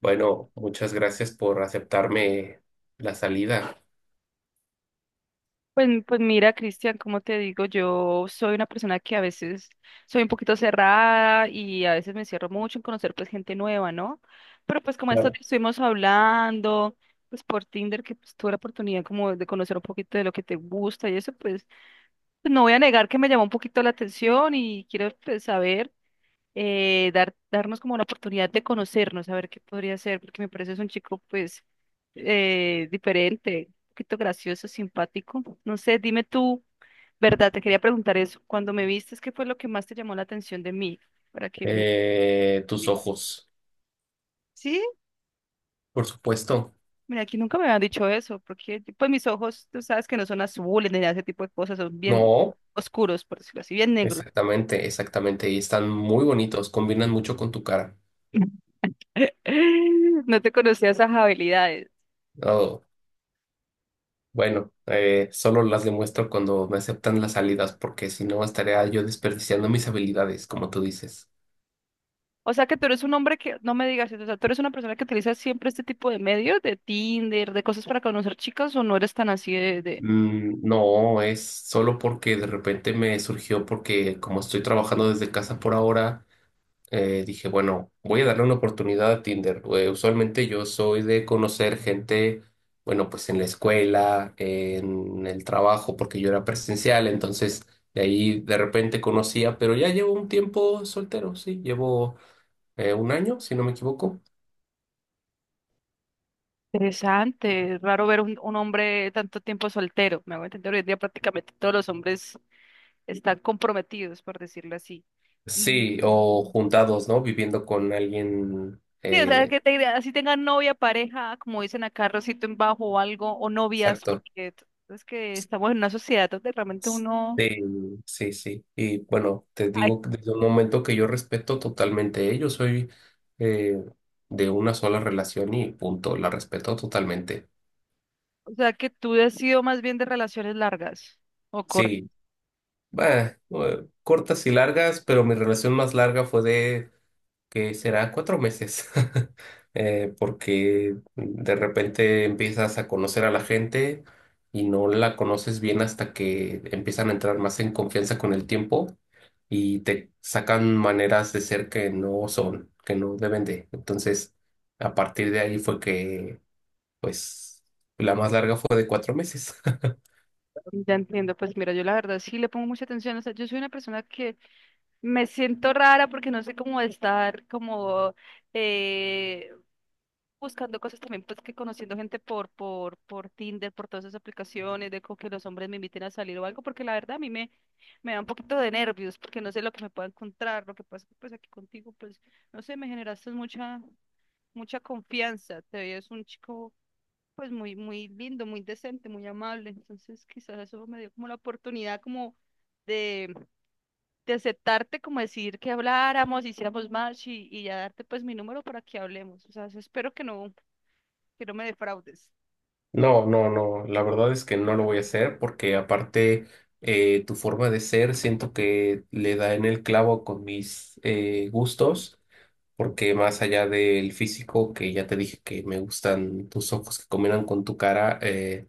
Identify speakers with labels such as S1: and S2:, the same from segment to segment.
S1: Bueno, muchas gracias por aceptarme la salida.
S2: Pues mira, Cristian, como te digo, yo soy una persona que a veces soy un poquito cerrada y a veces me cierro mucho en conocer pues gente nueva, ¿no? Pero pues como esto
S1: Claro.
S2: que estuvimos hablando, pues por Tinder, que pues, tuve la oportunidad como de conocer un poquito de lo que te gusta y eso, pues, pues no voy a negar que me llamó un poquito la atención y quiero pues, saber darnos como la oportunidad de conocernos, a ver qué podría ser, porque me parece es un chico pues diferente, un poquito gracioso, simpático. No sé, dime tú, ¿verdad? Te quería preguntar eso. Cuando me vistes, ¿qué fue lo que más te llamó la atención de mí? Para que me
S1: Tus
S2: viera.
S1: ojos,
S2: Sí,
S1: por supuesto.
S2: mira, aquí nunca me habían dicho eso, porque pues mis ojos, tú sabes que no son azules ni nada de ese tipo de cosas, son bien
S1: No,
S2: oscuros, por decirlo así, bien negros.
S1: exactamente, exactamente. Y están muy bonitos, combinan mucho con tu cara.
S2: No te conocía esas habilidades.
S1: Oh, bueno, solo las demuestro cuando me aceptan las salidas, porque si no estaría yo desperdiciando mis habilidades, como tú dices.
S2: O sea que tú eres un hombre que, no me digas eso, o sea, tú eres una persona que utiliza siempre este tipo de medios, de Tinder, de cosas para conocer chicas, o no eres tan así de.
S1: Mm, no, es solo porque de repente me surgió, porque como estoy trabajando desde casa por ahora. Dije, bueno, voy a darle una oportunidad a Tinder. Usualmente yo soy de conocer gente, bueno, pues en la escuela, en el trabajo, porque yo era presencial, entonces de ahí de repente conocía, pero ya llevo un tiempo soltero, sí, llevo un año, si no me equivoco.
S2: Interesante, es raro ver un hombre tanto tiempo soltero, me hago entender, hoy en día prácticamente todos los hombres están comprometidos, por decirlo así. Y,
S1: Sí,
S2: y-
S1: o juntados, ¿no? Viviendo con alguien,
S2: Sí, o sea, que te- así tengan novia, pareja, como dicen acá, rosito en bajo o algo, o novias,
S1: exacto.
S2: porque t- es que estamos en una sociedad donde realmente uno...
S1: Sí, sí, sí. Y bueno, te digo que desde un momento que yo respeto totalmente. Yo soy eh, de una sola relación y punto, la respeto totalmente.
S2: O sea, que tú has sido más bien de relaciones largas o cortas.
S1: Sí, bah, cortas y largas, pero mi relación más larga fue de que será cuatro meses, porque de repente empiezas a conocer a la gente y no la conoces bien hasta que empiezan a entrar más en confianza con el tiempo y te sacan maneras de ser que no son, que no deben de. Entonces, a partir de ahí fue que, pues, la más larga fue de cuatro meses.
S2: Ya entiendo, pues mira, yo la verdad sí le pongo mucha atención. O sea, yo soy una persona que me siento rara porque no sé cómo estar como eh, buscando cosas también, pues que conociendo gente por Tinder, por todas esas aplicaciones, de como que los hombres me inviten a salir o algo, porque la verdad a me da un poquito de nervios porque no sé lo que me pueda encontrar. Lo que pasa es que pues aquí contigo, pues no sé, me generaste mucha confianza. Te veías un chico pues muy lindo, muy decente, muy amable. Entonces quizás eso me dio como la oportunidad como de, de aceptarte, como decir que habláramos, hiciéramos match y ya darte pues mi número para que hablemos. O sea, eso espero que no me defraudes.
S1: No, no, no, la verdad es que no lo voy a hacer porque aparte tu forma de ser siento que le da en el clavo con mis gustos, porque más allá del físico, que ya te dije que me gustan tus ojos que combinan con tu cara,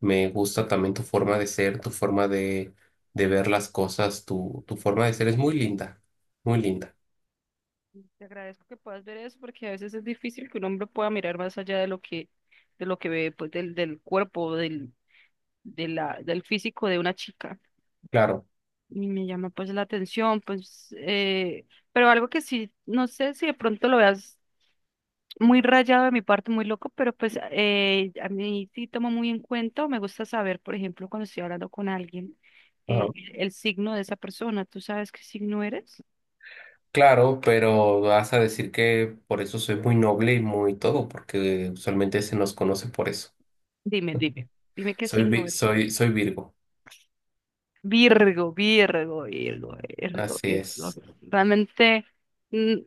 S1: me gusta también tu forma de ser, de ver las cosas, tu forma de ser es muy linda, muy linda.
S2: Y te agradezco que puedas ver eso porque a veces es difícil que un hombre pueda mirar más allá de lo que ve pues del cuerpo, del, de la, del físico de una chica.
S1: Claro.
S2: Y me llama pues la atención, pues, pero algo que sí, no sé si de pronto lo veas muy rayado de mi parte, muy loco, pero pues a mí sí tomo muy en cuenta, me gusta saber, por ejemplo, cuando estoy hablando con alguien, el signo de esa persona. ¿Tú sabes qué signo eres?
S1: Claro, pero vas a decir que por eso soy muy noble y muy todo, porque usualmente se nos conoce por eso.
S2: Dime, dime, dime qué signo
S1: Soy Virgo,
S2: Virgo, Virgo, Virgo, Virgo,
S1: así
S2: Virgo.
S1: es.
S2: Realmente, mm,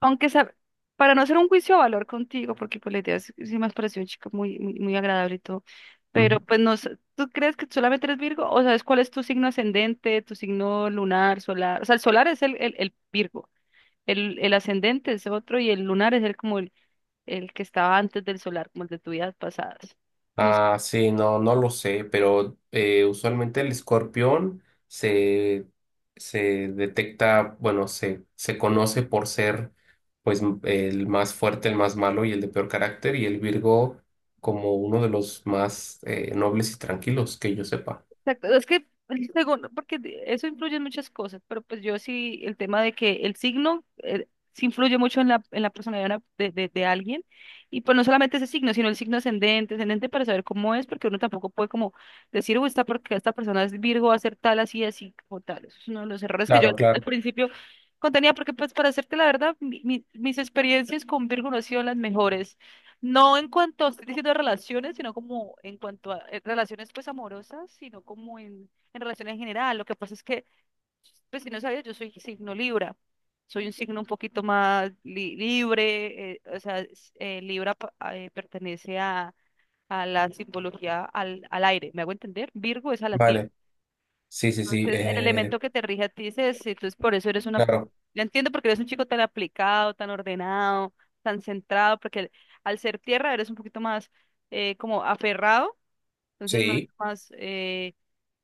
S2: aunque sea, para no hacer un juicio de valor contigo, porque pues la idea sí, sí me has parecido chica muy agradable y todo, pero
S1: Ujú.
S2: pues no sé, ¿tú crees que solamente eres Virgo? ¿O sabes cuál es tu signo ascendente, tu signo lunar, solar? O sea, el solar es el Virgo, el ascendente es otro y el lunar es el como el que estaba antes del solar, como el de tu vida pasadas. No sé.
S1: Ah, sí, no, no lo sé, pero usualmente se detecta, bueno, se conoce por ser pues el más fuerte, el más malo y el de peor carácter, y el Virgo como uno de los más nobles y tranquilos que yo sepa.
S2: Exacto, es que el segundo, porque de- eso influye en muchas cosas, pero pues yo sí, el tema de que el signo sí influye mucho en en la personalidad de, una- de de alguien, y pues no solamente ese signo, sino el signo ascendente para saber cómo es, porque uno tampoco puede como decir, uy, esta porque esta persona es Virgo, va a ser tal, así, así, como tal. Eso es uno de los errores que yo
S1: Claro,
S2: al
S1: claro.
S2: principio contenía, porque pues para hacerte la verdad, mi- mi- mis experiencias con Virgo no han sido las mejores. No en cuanto a, estoy diciendo relaciones, sino como en cuanto a relaciones pues amorosas, sino como en relaciones en general. Lo que pasa es que, pues si no sabías, yo soy signo Libra. Soy un signo un poquito más li- libre, o sea, es- Libra pa- a- pertenece a la simbología al, al aire, ¿me hago entender? Virgo es a la tierra.
S1: Vale. Sí, sí, sí,
S2: Entonces, el elemento que te rige a ti es ese, entonces por eso eres una,
S1: claro,
S2: yo entiendo porque eres un chico tan aplicado, tan ordenado, tan centrado, porque al, al ser tierra eres un poquito más como aferrado, entonces
S1: sí,
S2: más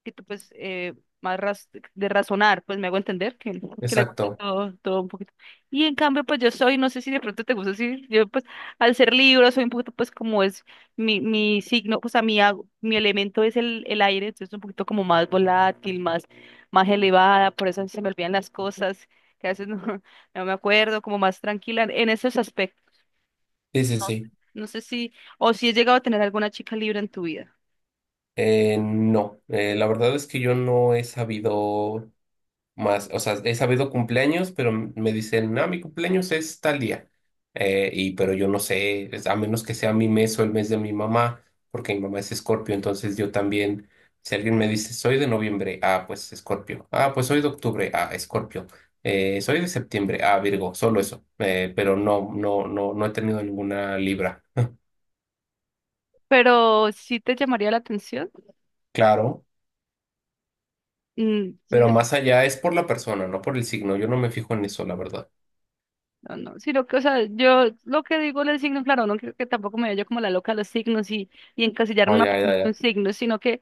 S2: que tú, pues, más raz- de razonar, pues me hago entender que le gusta
S1: exacto,
S2: todo, todo un poquito. Y en cambio, pues yo soy, no sé si de pronto te gusta así, yo pues al ser Libra soy un poquito pues como es mi signo, o sea, mi, ag- mi elemento es el aire, entonces un poquito como más volátil, más, más elevada, por eso se me olvidan las cosas, que a veces no, no me acuerdo, como más tranquila en esos aspectos.
S1: sí, sí, sí.
S2: No sé si, o si he llegado a tener alguna chica Libra en tu vida,
S1: No, la verdad es que yo no he sabido. Más, o sea, he sabido cumpleaños, pero me dicen, no, mi cumpleaños es tal día. Y pero yo no sé, a menos que sea mi mes o el mes de mi mamá, porque mi mamá es Escorpio, entonces yo también, si alguien me dice, soy de noviembre, ah, pues Escorpio. Ah, pues soy de octubre, ah, Escorpio. Soy de septiembre, ah, Virgo, solo eso. Pero no, no, no, no he tenido ninguna Libra.
S2: pero sí te llamaría la atención.
S1: Claro,
S2: Mm,
S1: pero
S2: sí.
S1: más allá es por la persona, no por el signo. Yo no me fijo en eso, la verdad.
S2: No, no, sino que, o sea, yo lo que digo del signo, claro, no creo que tampoco me vaya como la loca a los signos y encasillar
S1: Ah,
S2: una
S1: ya,
S2: persona
S1: ya,
S2: en un
S1: ya.
S2: signo, sino que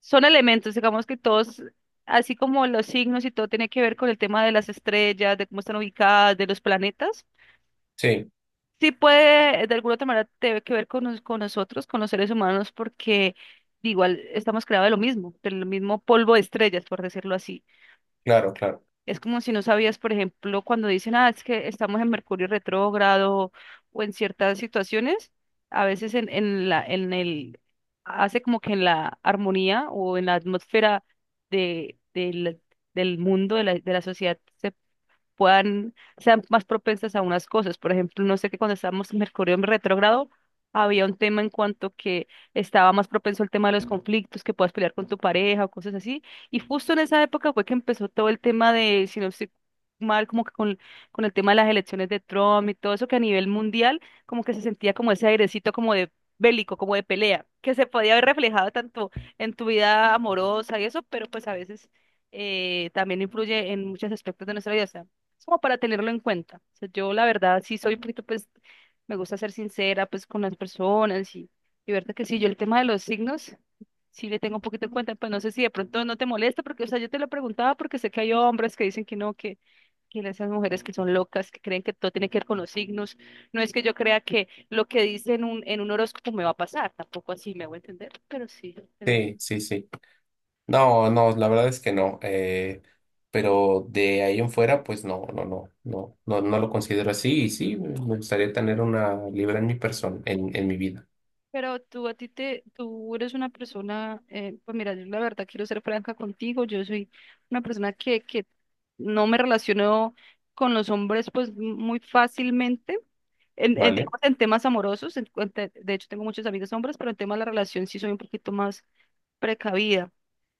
S2: son elementos, digamos que todos, así como los signos y todo tiene que ver con el tema de las estrellas, de cómo están ubicadas, de los planetas,
S1: Sí,
S2: sí puede, de alguna otra manera, tiene que ver con, nos- con nosotros, con los seres humanos, porque igual estamos creados de lo mismo, del mismo polvo de estrellas, por decirlo así.
S1: claro, claro.
S2: Es como si no sabías, por ejemplo, cuando dicen, ah, es que estamos en Mercurio retrógrado o en ciertas situaciones, a veces en el, hace como que en la armonía o en la atmósfera de, del, del mundo, de la sociedad, se puedan, sean más propensas a unas cosas. Por ejemplo, no sé que cuando estábamos en Mercurio en retrógrado, había un tema en cuanto que estaba más propenso el tema de los conflictos, que puedas pelear con tu pareja o cosas así. Y justo en esa época fue que empezó todo el tema de, si no estoy mal, como que con el tema de las elecciones de Trump y todo eso, que a nivel mundial como que se sentía como ese airecito como de bélico, como de pelea, que se podía haber reflejado tanto en tu vida amorosa y eso, pero pues a veces también influye en muchos aspectos de nuestra vida es como para tenerlo en cuenta. O sea, yo la verdad sí soy un poquito, pues, me gusta ser sincera, pues, con las personas y verdad que sí, yo el tema de los signos, sí le tengo un poquito en cuenta, pues no sé si de pronto no te molesta, porque, o sea, yo te lo preguntaba porque sé que hay hombres que dicen que no, que esas mujeres que son locas, que creen que todo tiene que ver con los signos. No es que yo crea que lo que dice en un horóscopo me va a pasar, tampoco así me voy a entender, pero sí, tener.
S1: Sí, sí, sí. No, no, la verdad es que no. Pero de ahí en fuera, pues no, no, no, no, no, no lo considero así. Y sí, me gustaría tener una libra en mi persona, en mi vida.
S2: Pero tú a ti te, tú eres una persona, pues mira, yo la verdad quiero ser franca contigo, yo soy una persona que no me relaciono con los hombres pues muy fácilmente, en,
S1: ¿Vale?
S2: digamos, en temas amorosos, en te- de hecho tengo muchos amigos hombres, pero en temas de la relación sí soy un poquito más precavida.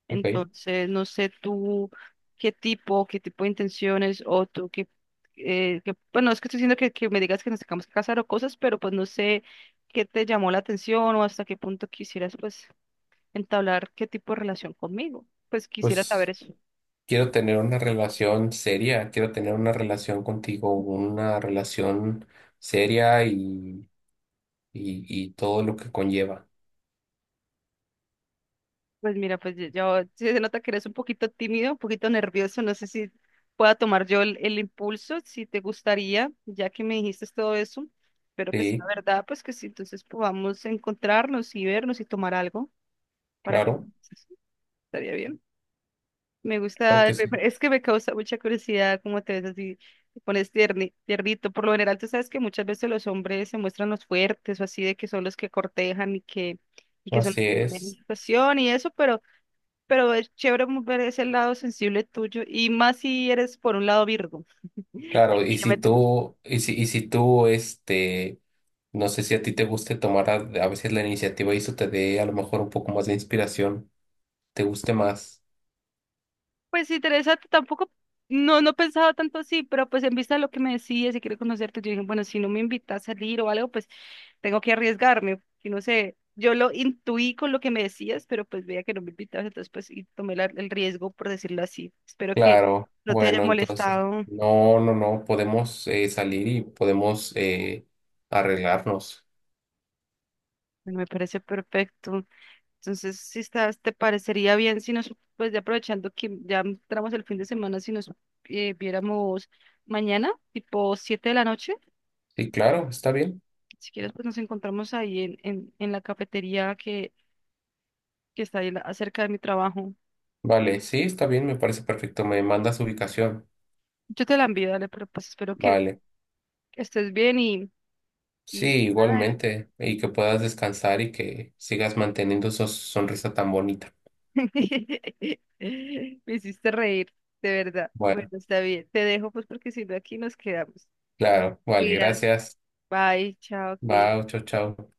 S1: Ok.
S2: Entonces, no sé tú qué tipo de intenciones o tú qué, qué- bueno, es que estoy diciendo que me digas que nos tengamos que casar o cosas, pero pues no sé qué te llamó la atención o hasta qué punto quisieras pues entablar qué tipo de relación conmigo. Pues quisiera saber
S1: Pues
S2: eso.
S1: quiero tener una relación seria, quiero tener una relación contigo, una relación seria y todo lo que conlleva.
S2: Pues mira, pues yo- sí se nota que eres un poquito tímido, un poquito nervioso. No sé si pueda tomar yo el impulso, si te gustaría, ya que me dijiste todo eso. Espero que sea
S1: Sí,
S2: verdad, pues que sí, entonces podamos encontrarnos y vernos y tomar algo para que
S1: claro,
S2: estaría bien. Me
S1: claro
S2: gusta,
S1: que
S2: me-
S1: sí.
S2: me- es que me causa mucha curiosidad cómo te ves así, te pones tierni- tiernito. Por lo general, tú sabes que muchas veces los hombres se muestran los fuertes o así, de que son los que cortejan y que son los
S1: Así
S2: que ponen
S1: es.
S2: situación y eso, pero. Pero es chévere mu- ver ese lado sensible tuyo y más si eres por un lado Virgo. Aquí yo me entiendo.
S1: Y si tú, este, no sé si a ti te guste tomar a veces la iniciativa y eso te dé a lo mejor un poco más de inspiración, te guste más.
S2: Pues interesante, tampoco, no, no pensaba tanto así, pero pues en vista de lo que me decías si quiero conocerte, yo dije, bueno, si no me invitas a salir o algo, pues tengo que arriesgarme, y no sé, yo lo intuí con lo que me decías, pero pues veía que no me invitabas, entonces pues y tomé la- el riesgo, por decirlo así. Espero que
S1: Claro,
S2: no te haya
S1: bueno, entonces,
S2: molestado,
S1: no, no, no, podemos salir y podemos arreglarnos.
S2: me parece perfecto. Entonces, si estás, te parecería bien si nos, pues ya aprovechando que ya entramos el fin de semana, si nos viéramos mañana, tipo 7 de la noche,
S1: Sí, claro, está bien.
S2: si quieres, pues nos encontramos ahí en la cafetería que está ahí la- cerca de mi trabajo.
S1: Vale, sí, está bien, me parece perfecto. Me mandas ubicación.
S2: Yo te la envío, dale, pero pues espero que
S1: Vale.
S2: estés bien
S1: Sí,
S2: y nada.
S1: igualmente. Y que puedas descansar y que sigas manteniendo esa sonrisa tan bonita.
S2: Me hiciste reír, de verdad. Bueno,
S1: Bueno,
S2: está bien. Te dejo pues porque si no aquí nos quedamos.
S1: claro, vale,
S2: Cuidas.
S1: gracias.
S2: Bye, chao,
S1: Bye,
S2: Cris.
S1: chao, chao.